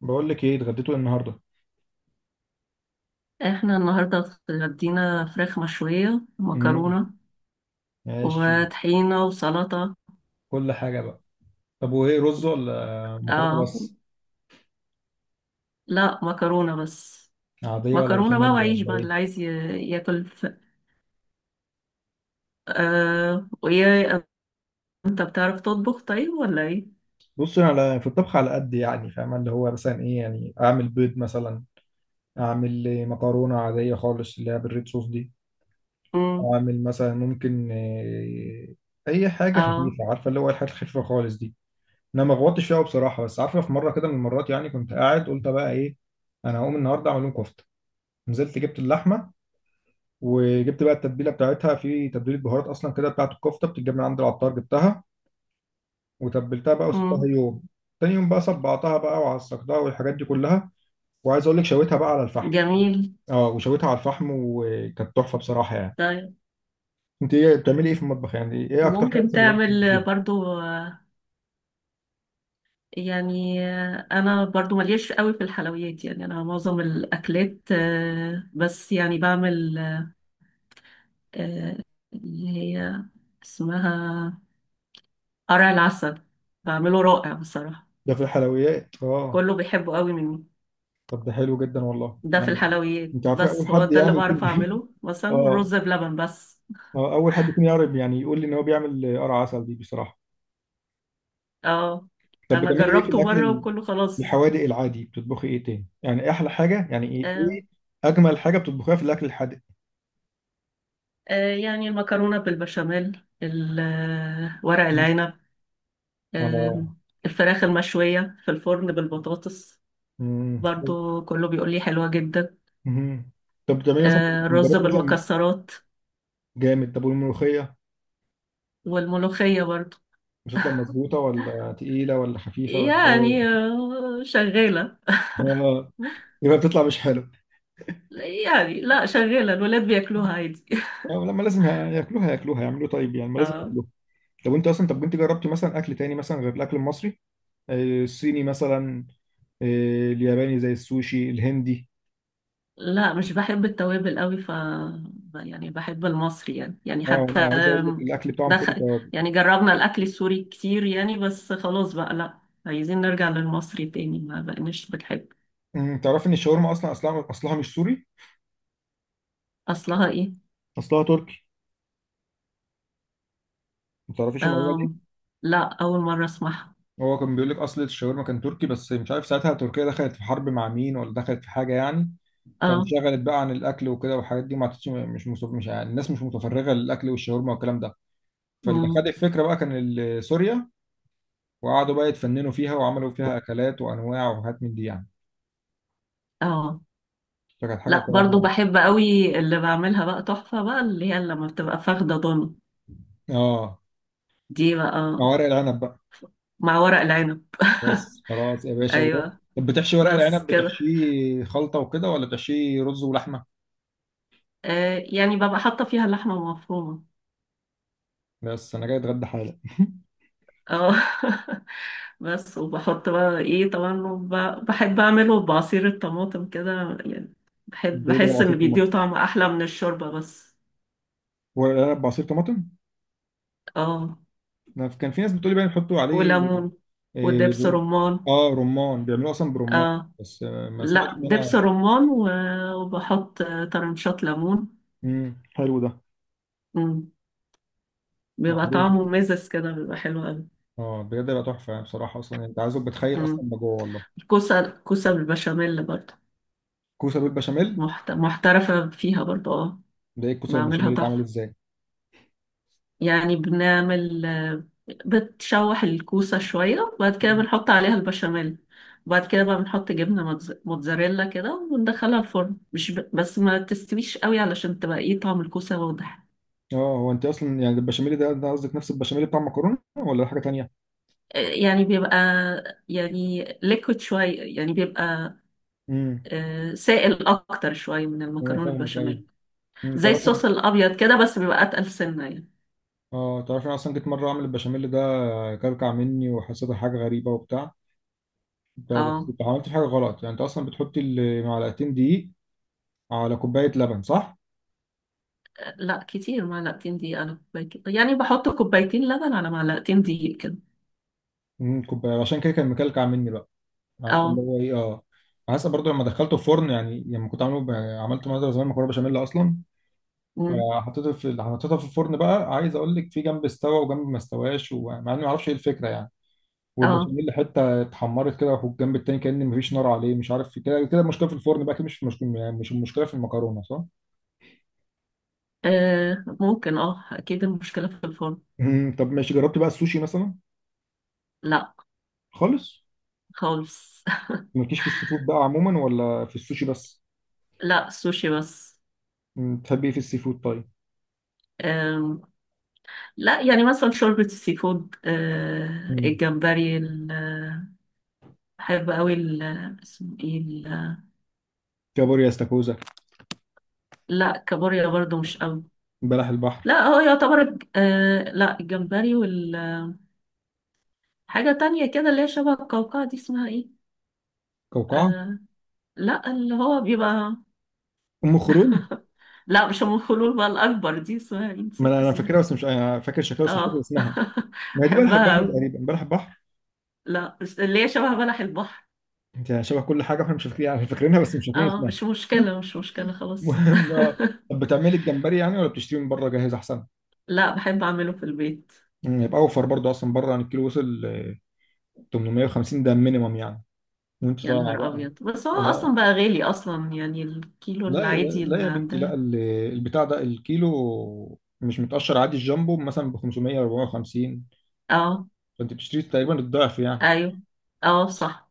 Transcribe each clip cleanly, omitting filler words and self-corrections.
بقول لك ايه، اتغديتوا إيه النهارده؟ احنا النهاردة اتغدينا فراخ مشوية مم. ومكرونة ماشي. وطحينة وسلطة. كل حاجه بقى. طب وايه، رز ولا مكرونه اه. بس؟ لا، مكرونة بس. عاديه ولا مكرونة بقى بشاميل وعيش بقى ولا ايه؟ اللي عايز ياكل ويا انت بتعرف تطبخ طيب ولا ايه؟ بص، انا في الطبخ على قد يعني، فاهم اللي هو مثلا ايه، يعني اعمل بيض مثلا، اعمل إيه، مكرونه عاديه خالص اللي هي بالريد صوص دي، مم. اعمل مثلا ممكن إيه اي حاجه اه. خفيفه، عارفه اللي هو الحاجات الخفيفه خالص دي. انا ما غوطتش فيها بصراحه، بس عارفه في مره كده من المرات، يعني كنت قاعد قلت بقى ايه، انا هقوم النهارده اعمل لهم كفته. نزلت جبت اللحمه، وجبت بقى التتبيله بتاعتها، في تتبيله بهارات اصلا كده بتاعت الكفته بتتجاب من عند العطار، جبتها وتبلتها بقى وسبتها مم. يوم. تاني يوم بقى صبعتها بقى وعصقتها والحاجات دي كلها، وعايز اقول لك شويتها بقى على الفحم. جميل. اه، وشويتها على الفحم وكانت تحفه بصراحه يعني. طيب. انت ايه بتعملي ايه في المطبخ يعني، ايه اكتر حاجه ممكن مثلاً بتعملي؟ تعمل برضو يعني انا برضو مليش قوي في الحلويات، يعني انا معظم الاكلات بس يعني بعمل آه، اللي هي اسمها قرع العسل. بعمله رائع بصراحة. ده في الحلويات اه. كله بيحبه قوي مني. طب ده حلو جدا والله ده في يعني. الحلويات، انت عارف اول بس هو حد ده اللي يعني يكون بعرف اعمله مثلا، اه. والرز بلبن بس. اول حد يكون يعرف يعني يقول لي ان هو بيعمل قرع عسل دي بصراحه. اه، طب انا بتعملي ايه في جربته الاكل مرة ال- وكله خلاص. الحوادق العادي، بتطبخي ايه تاني يعني، إيه احلى حاجه، يعني ايه آه، ايه اجمل حاجه بتطبخيها في الاكل الحادق؟ يعني المكرونة بالبشاميل ورق العنب. آه، اه. الفراخ المشوية في الفرن بالبطاطس. حلو. برضو كله بيقول لي حلوة جدا. مهم. طب بتعملي مثلا الرز جربت مثلا بالمكسرات. جامد، طب والملوخيه والملوخية برضو. بتطلع مظبوطه ولا تقيله ولا خفيفه ولا ايه؟ يعني شغالة. آه، يبقى بتطلع مش حلو. يعني لا، شغالة، الولاد بياكلوها عادي. اه، لما لازم ياكلوها ياكلوها، يعملوا طيب يعني، ما لازم اه. ياكلوها. طب انت اصلا، طب انت جربتي مثلا اكل تاني مثلا غير الاكل المصري؟ الصيني مثلا، الياباني زي السوشي، الهندي؟ لا مش بحب التوابل قوي يعني بحب المصري يعني اه حتى انا عايز اقول لك الاكل بتاعهم كله دخل. توابل. يعني جربنا الأكل السوري كتير يعني، بس خلاص بقى لا، عايزين نرجع للمصري تاني. ما بقناش بنحب. تعرفي ان الشاورما اصلا اصلها مش سوري، أصلها إيه؟ اصلها تركي. ما تعرفيش المعلومه دي. آم، لا، أول مرة أسمعها. هو كان بيقول لك اصل الشاورما كان تركي، بس مش عارف ساعتها تركيا دخلت في حرب مع مين ولا دخلت في حاجه يعني، اه. فانشغلت بقى عن الاكل وكده والحاجات دي ما عادتش، مش يعني الناس مش متفرغه للاكل والشاورما والكلام ده. فاللي خد أمم. الفكره بقى كان سوريا، وقعدوا بقى يتفننوا فيها وعملوا فيها اكلات وانواع وحاجات من دي يعني. اه، فكانت حاجه لا برضو بصراحه. بحب قوي اللي بعملها بقى تحفة بقى، اللي هي لما بتبقى فاخدة ضن اه، دي بقى. مع ورق العنب بقى. مع ورق العنب. بس خلاص يا باشا ايوه، طب بتحشي ورق بس العنب كده. بتحشيه خلطة وكده، ولا بتحشيه رز ولحمة؟ يعني ببقى حاطه فيها لحمه مفرومه. بس أنا جاي أتغدى حالا اه. بس وبحط بقى ايه طبعا، بحب اعمله بعصير الطماطم كده، يعني بحب ده ده بحس بعصير ان بيديه طماطم؟ طعم احلى من الشوربه بس. ورق العنب بعصير طماطم؟ اه. أنا كان في ناس بتقولي بقى بيحطوا عليه وليمون. إيه ودبس رمان. آه رمان، بيعملوه أصلا برمان؟ اه. بس ما سمعتش لا دبس أنا. رمان وبحط طرنشات ليمون. مم. حلو ده. مم. بيبقى معروف. طعمه مزز كده، بيبقى حلو اه بجد بقى تحفة يعني، بصراحة أصلا يعني أنت عايزك بتخيل قوي. أصلا ما جوه والله. كوسة بالبشاميل برضه. كوسة بالبشاميل، محترفة فيها برضه. اه. ده إيه الكوسة بعملها بالبشاميل دي اتعمل تحفة. إزاي؟ يعني بنعمل بتشوح الكوسة شوية، وبعد كده مم. بنحط عليها البشاميل. وبعد كده بقى بنحط جبنة موتزاريلا كده وندخلها الفرن، مش بس ما تستويش قوي علشان تبقى ايه طعم الكوسة واضح. اه هو أنت أصلا يعني البشاميل ده، ده قصدك نفس البشاميل بتاع المكرونة ولا حاجة تانية؟ يعني بيبقى يعني ليكويد شوية، يعني بيبقى مم. سائل أكتر شوية من انا المكرونة فاهمك ايوه. البشاميل. زي تعرفي. الصوص الأبيض كده، بس بيبقى أتقل سنة يعني. اه تعرفي أنا اصلا جيت مره اعمل البشاميل ده، كلكع مني وحسيتها حاجه غريبه وبتاع. انت بس اه. انت عملت حاجه غلط يعني، انت اصلا بتحطي معلقتين دقيق على كوبايه لبن صح؟ لا كتير، معلقتين دقيق على كوبايتين، يعني بحط كوبايتين لبن على معلقتين دقيق كده. كوبايه، عشان كده كان مكلكع مني بقى. عارفه اللي اه. هو ايه، اه حاسس برضه لما دخلته الفرن يعني، لما كنت عملت مره زمان مكرونه بشاميل اصلا، مم. فحطيته في حطيتها في الفرن بقى. عايز اقول لك في جنب استوى وجنب ما استواش، ومع اني ما اعرفش ايه الفكره يعني، اه. والبشاميل حته اتحمرت كده في الجنب التاني، كأن مفيش نار عليه، مش عارف، في كده كده المشكله في الفرن بقى، كده مش في المشكله يعني، مش المشكله في المكرونه صح؟ ممكن، اكيد المشكلة في الفرن. مم. طب ماشي، جربت بقى السوشي مثلا؟ لا، خالص؟ خالص. مالكيش في السي فود بقى عموما، ولا في السوشي بس؟ لا، سوشي بس. مم. بتحبي ايه في السي فود طيب؟ آم، لا يعني مثلا شوربة السي فود، مم. الجمبري بحب قوي اسمه ايه كابوريا، استاكوزا؟ لا، كابوريا برضو مش قوي. بلح البحر؟ لا هو يعتبر لا الجمبري والحاجة تانية كده، اللي هي شبه القوقعة دي اسمها ايه؟ كوكعه؟ آه، لا اللي هو بيبقى، ام خرون؟ لا مش ام الخلول، بقى الاكبر دي اسمها ايه، ما انا نسيت أنا اسمها. فاكرها، بس مش أنا فاكر شكلها، بس مش فاكر اه. اسمها. ما هي دي بلح بحبها البحر أوي. تقريبا، بلح البحر. لا، مش اللي هي شبه بلح البحر. انت شبه كل حاجه، احنا مش فاكرين يعني، فاكرينها بس مش فاكرين اه، اسمها. مش مشكله مش مشكله خلاص. المهم طب بتعملي الجمبري يعني، ولا بتشتري من بره جاهز احسن؟ لا، بحب اعمله في البيت. مم، يبقى اوفر برضه، اصلا بره عن الكيلو وصل 850، ده مينيمم يعني وانت يا طالع نهار بقى. ابيض، بس هو اصلا آه، بقى غالي اصلا، يعني الكيلو لا، العادي لا اللي يا بنتي، عندها. لا ال- البتاع ده الكيلو مش متقشر عادي، الجامبو مثلا ب 500 450، اه. فانت بتشتري تقريبا الضعف يعني. ايوه. اه صح.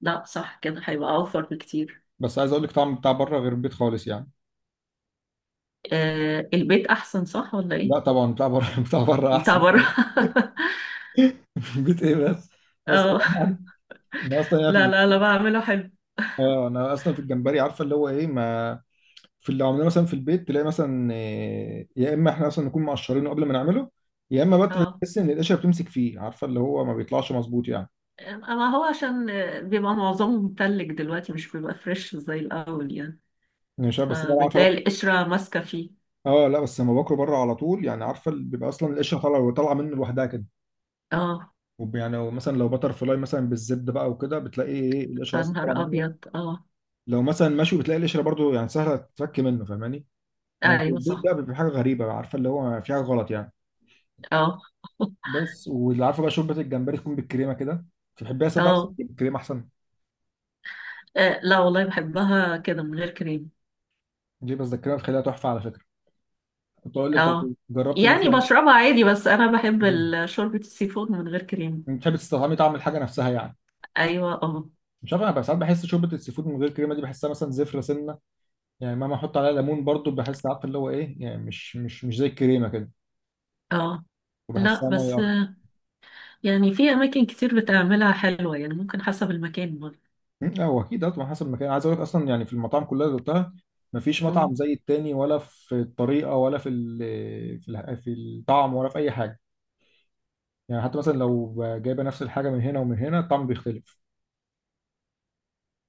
لا، صح كده، هيبقى اوفر بكتير. بس عايز اقول لك طعم بتاع بره غير البيت خالص يعني. البيت احسن صح ولا لا ايه؟ طبعا بتاع بره بتاع بره بتاع احسن بره. طبعا البيت ايه بس. انا اه، اصلا، انا اصلا يعني في لا لا لا، بعمله حلو. اه انا اصلا في الجمبري عارفه اللي هو ايه، ما في اللي عملناه مثلا في البيت تلاقي مثلا يا اما احنا اصلا نكون مقشرينه قبل ما نعمله، يا اما بقى اه، تحس ان القشره بتمسك فيه، عارفه اللي هو ما بيطلعش مظبوط يعني، ما هو عشان بيبقى معظمه متلج دلوقتي، مش بيبقى فريش زي الأول يعني. يعني مش عارف بس انا عارفه. فبتلاقي القشرة ماسكة فيه. اه لا بس لما باكله بره على طول يعني، عارفه اللي بيبقى اصلا القشره طالعه طالعه منه لوحدها كده. اه. يعني مثلا لو بتر فلاي مثلا بالزبده بقى وكده، بتلاقي ايه القشره يا اصلا طالعه نهار منه. أبيض. اه. لو مثلا مشوي بتلاقي القشره برضو يعني سهله تتفك منه، فاهماني. انما في أيوة البيت صح. بقى بيبقى حاجه غريبه، عارفه اللي هو في حاجه غلط يعني. اه. بس واللي عارفه بقى شوربه الجمبري تكون بالكريمه كده، تحبيها ساده اصلا اه، ولا بالكريمه احسن؟ لا والله بحبها كده من غير كريم. دي بتذكرها بخليها تحفه على فكره. كنت اقول لك طب اه. جربت يعني مثلا، بشربها عادي، بس أنا بحب مم. شوربة السي فود من غير كريم. بتحب تستطعمي طعم الحاجه نفسها يعني؟ أيوة. اه. مش عارف انا بقى، ساعات بحس شوربه السي فود من غير كريمه دي بحسها مثلا زفره سنه يعني، مهما احط عليها ليمون برضو بحس عارف اللي هو ايه يعني، مش مش مش زي الكريمه كده، اه. لا وبحسها ميه بس اكتر. يعني في أماكن كتير بتعملها حلوة، يعني ممكن حسب المكان برضه. مم، لا هو اكيد طبعا حسب المكان، عايز اقول لك اصلا يعني في المطاعم كلها اللي دقتها مفيش مطعم زي التاني، ولا في الطريقه ولا في ال، في في الطعم ولا في اي حاجه. يعني حتى مثلا لو جايبه نفس الحاجه من هنا ومن هنا الطعم بيختلف.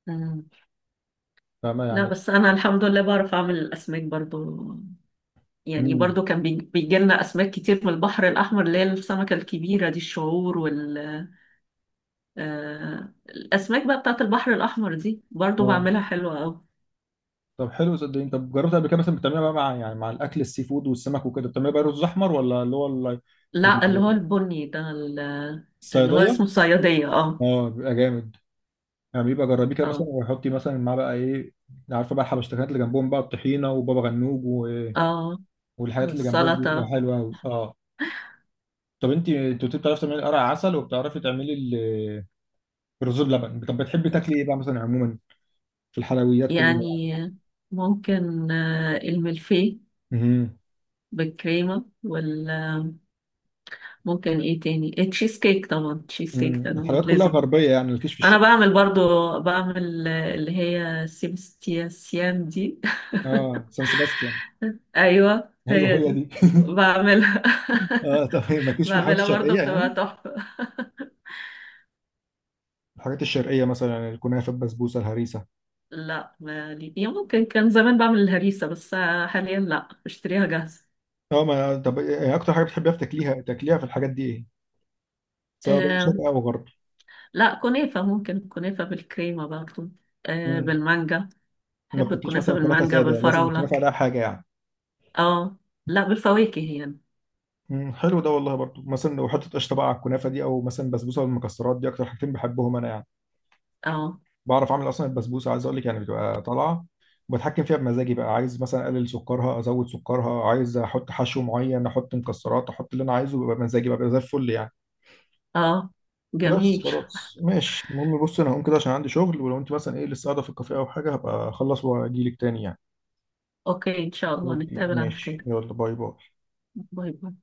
مم. فاهمه لا يعني. بس انا الحمد لله بعرف اعمل الاسماك برضو. يعني برضو كان بيجي لنا اسماك كتير من البحر الاحمر، اللي هي السمكه الكبيره دي الشعور الاسماك بقى بتاعت البحر الاحمر دي برضو امم، بعملها حلوه قوي. طب حلو صدقني. طب جربت قبل كده مثلا بتعملها بقى مع يعني، مع الاكل السي فود والسمك وكده، بتعملها بقى رز احمر ولا اللي هو لا اللي هو البني ده اللي هو الصياديه. اسمه صياديه. اه. اه بيبقى جامد يعني، بيبقى جربيه كده مثلا اه. وحطي مثلا معاه بقى ايه، عارفه بقى الحبشتكنات اللي جنبهم بقى الطحينه وبابا غنوج اه. والحاجات اللي جنبهم دي، بتبقى والسلطه. حلوه قوي اه. طب انت انت قلت بتعرفي تعملي قرع عسل، وبتعرفي تعملي الرز بلبن. طب بتحبي تاكلي ايه بقى مثلا عموما في الحلويات كلها؟ يعني ممكن الملفيه امم. بالكريمه ممكن ايه تاني، التشيز كيك طبعا، التشيز كيك ده أنا الحلويات كلها لازم. غربيه يعني، الكشف انا الشرقي. بعمل برضو، بعمل اللي هي سيبستياسيان دي. اه سان سيباستيان. ايوه ايوه هي هي دي. دي. بعملها. اه طب مالكيش في الحلويات بعملها برضو الشرقيه بتبقى يعني، تحفة. الحاجات الشرقيه مثلا الكنافه البسبوسه الهريسه؟ لا مالي يعني، ممكن كان زمان بعمل الهريسة بس حاليا لا، بشتريها جاهزة. اه ما طب إيه اكتر حاجه بتحبيها في تاكليها تاكليها في الحاجات دي ايه، سواء بقى شرق آه او غرب؟ لا، كنافة، ممكن كنافة بالكريمة برضو. مم. بالمانجا. ما بحب بتاكليش الكنافة مثلا كنافه بالمانجا ساده، لازم بالفراولة. الكنافه عليها حاجه يعني؟ اه. لا، بالفواكه يعني. مم. حلو ده والله. برضو مثلا لو حطيت قشطه بقى على الكنافه دي، او مثلا بسبوسه والمكسرات، دي اكتر حاجتين بحبهم انا يعني. اه. بعرف اعمل اصلا البسبوسه، عايز اقول لك يعني بتبقى طالعه، بتحكم فيها بمزاجي بقى، عايز مثلا اقلل سكرها، ازود سكرها، عايز احط حشو معين، احط مكسرات، احط اللي انا عايزه، بيبقى بمزاجي بقى بيبقى زي الفل يعني. اه بس جميل. خلاص ماشي. المهم بص انا هقوم كده عشان عندي شغل، ولو انت مثلا ايه لسه قاعده في الكافيه او حاجه، هبقى اخلص واجيلك تاني يعني. اوكي، ان شاء الله اوكي نتقابل على ماشي، خير. يلا باي باي. باي باي.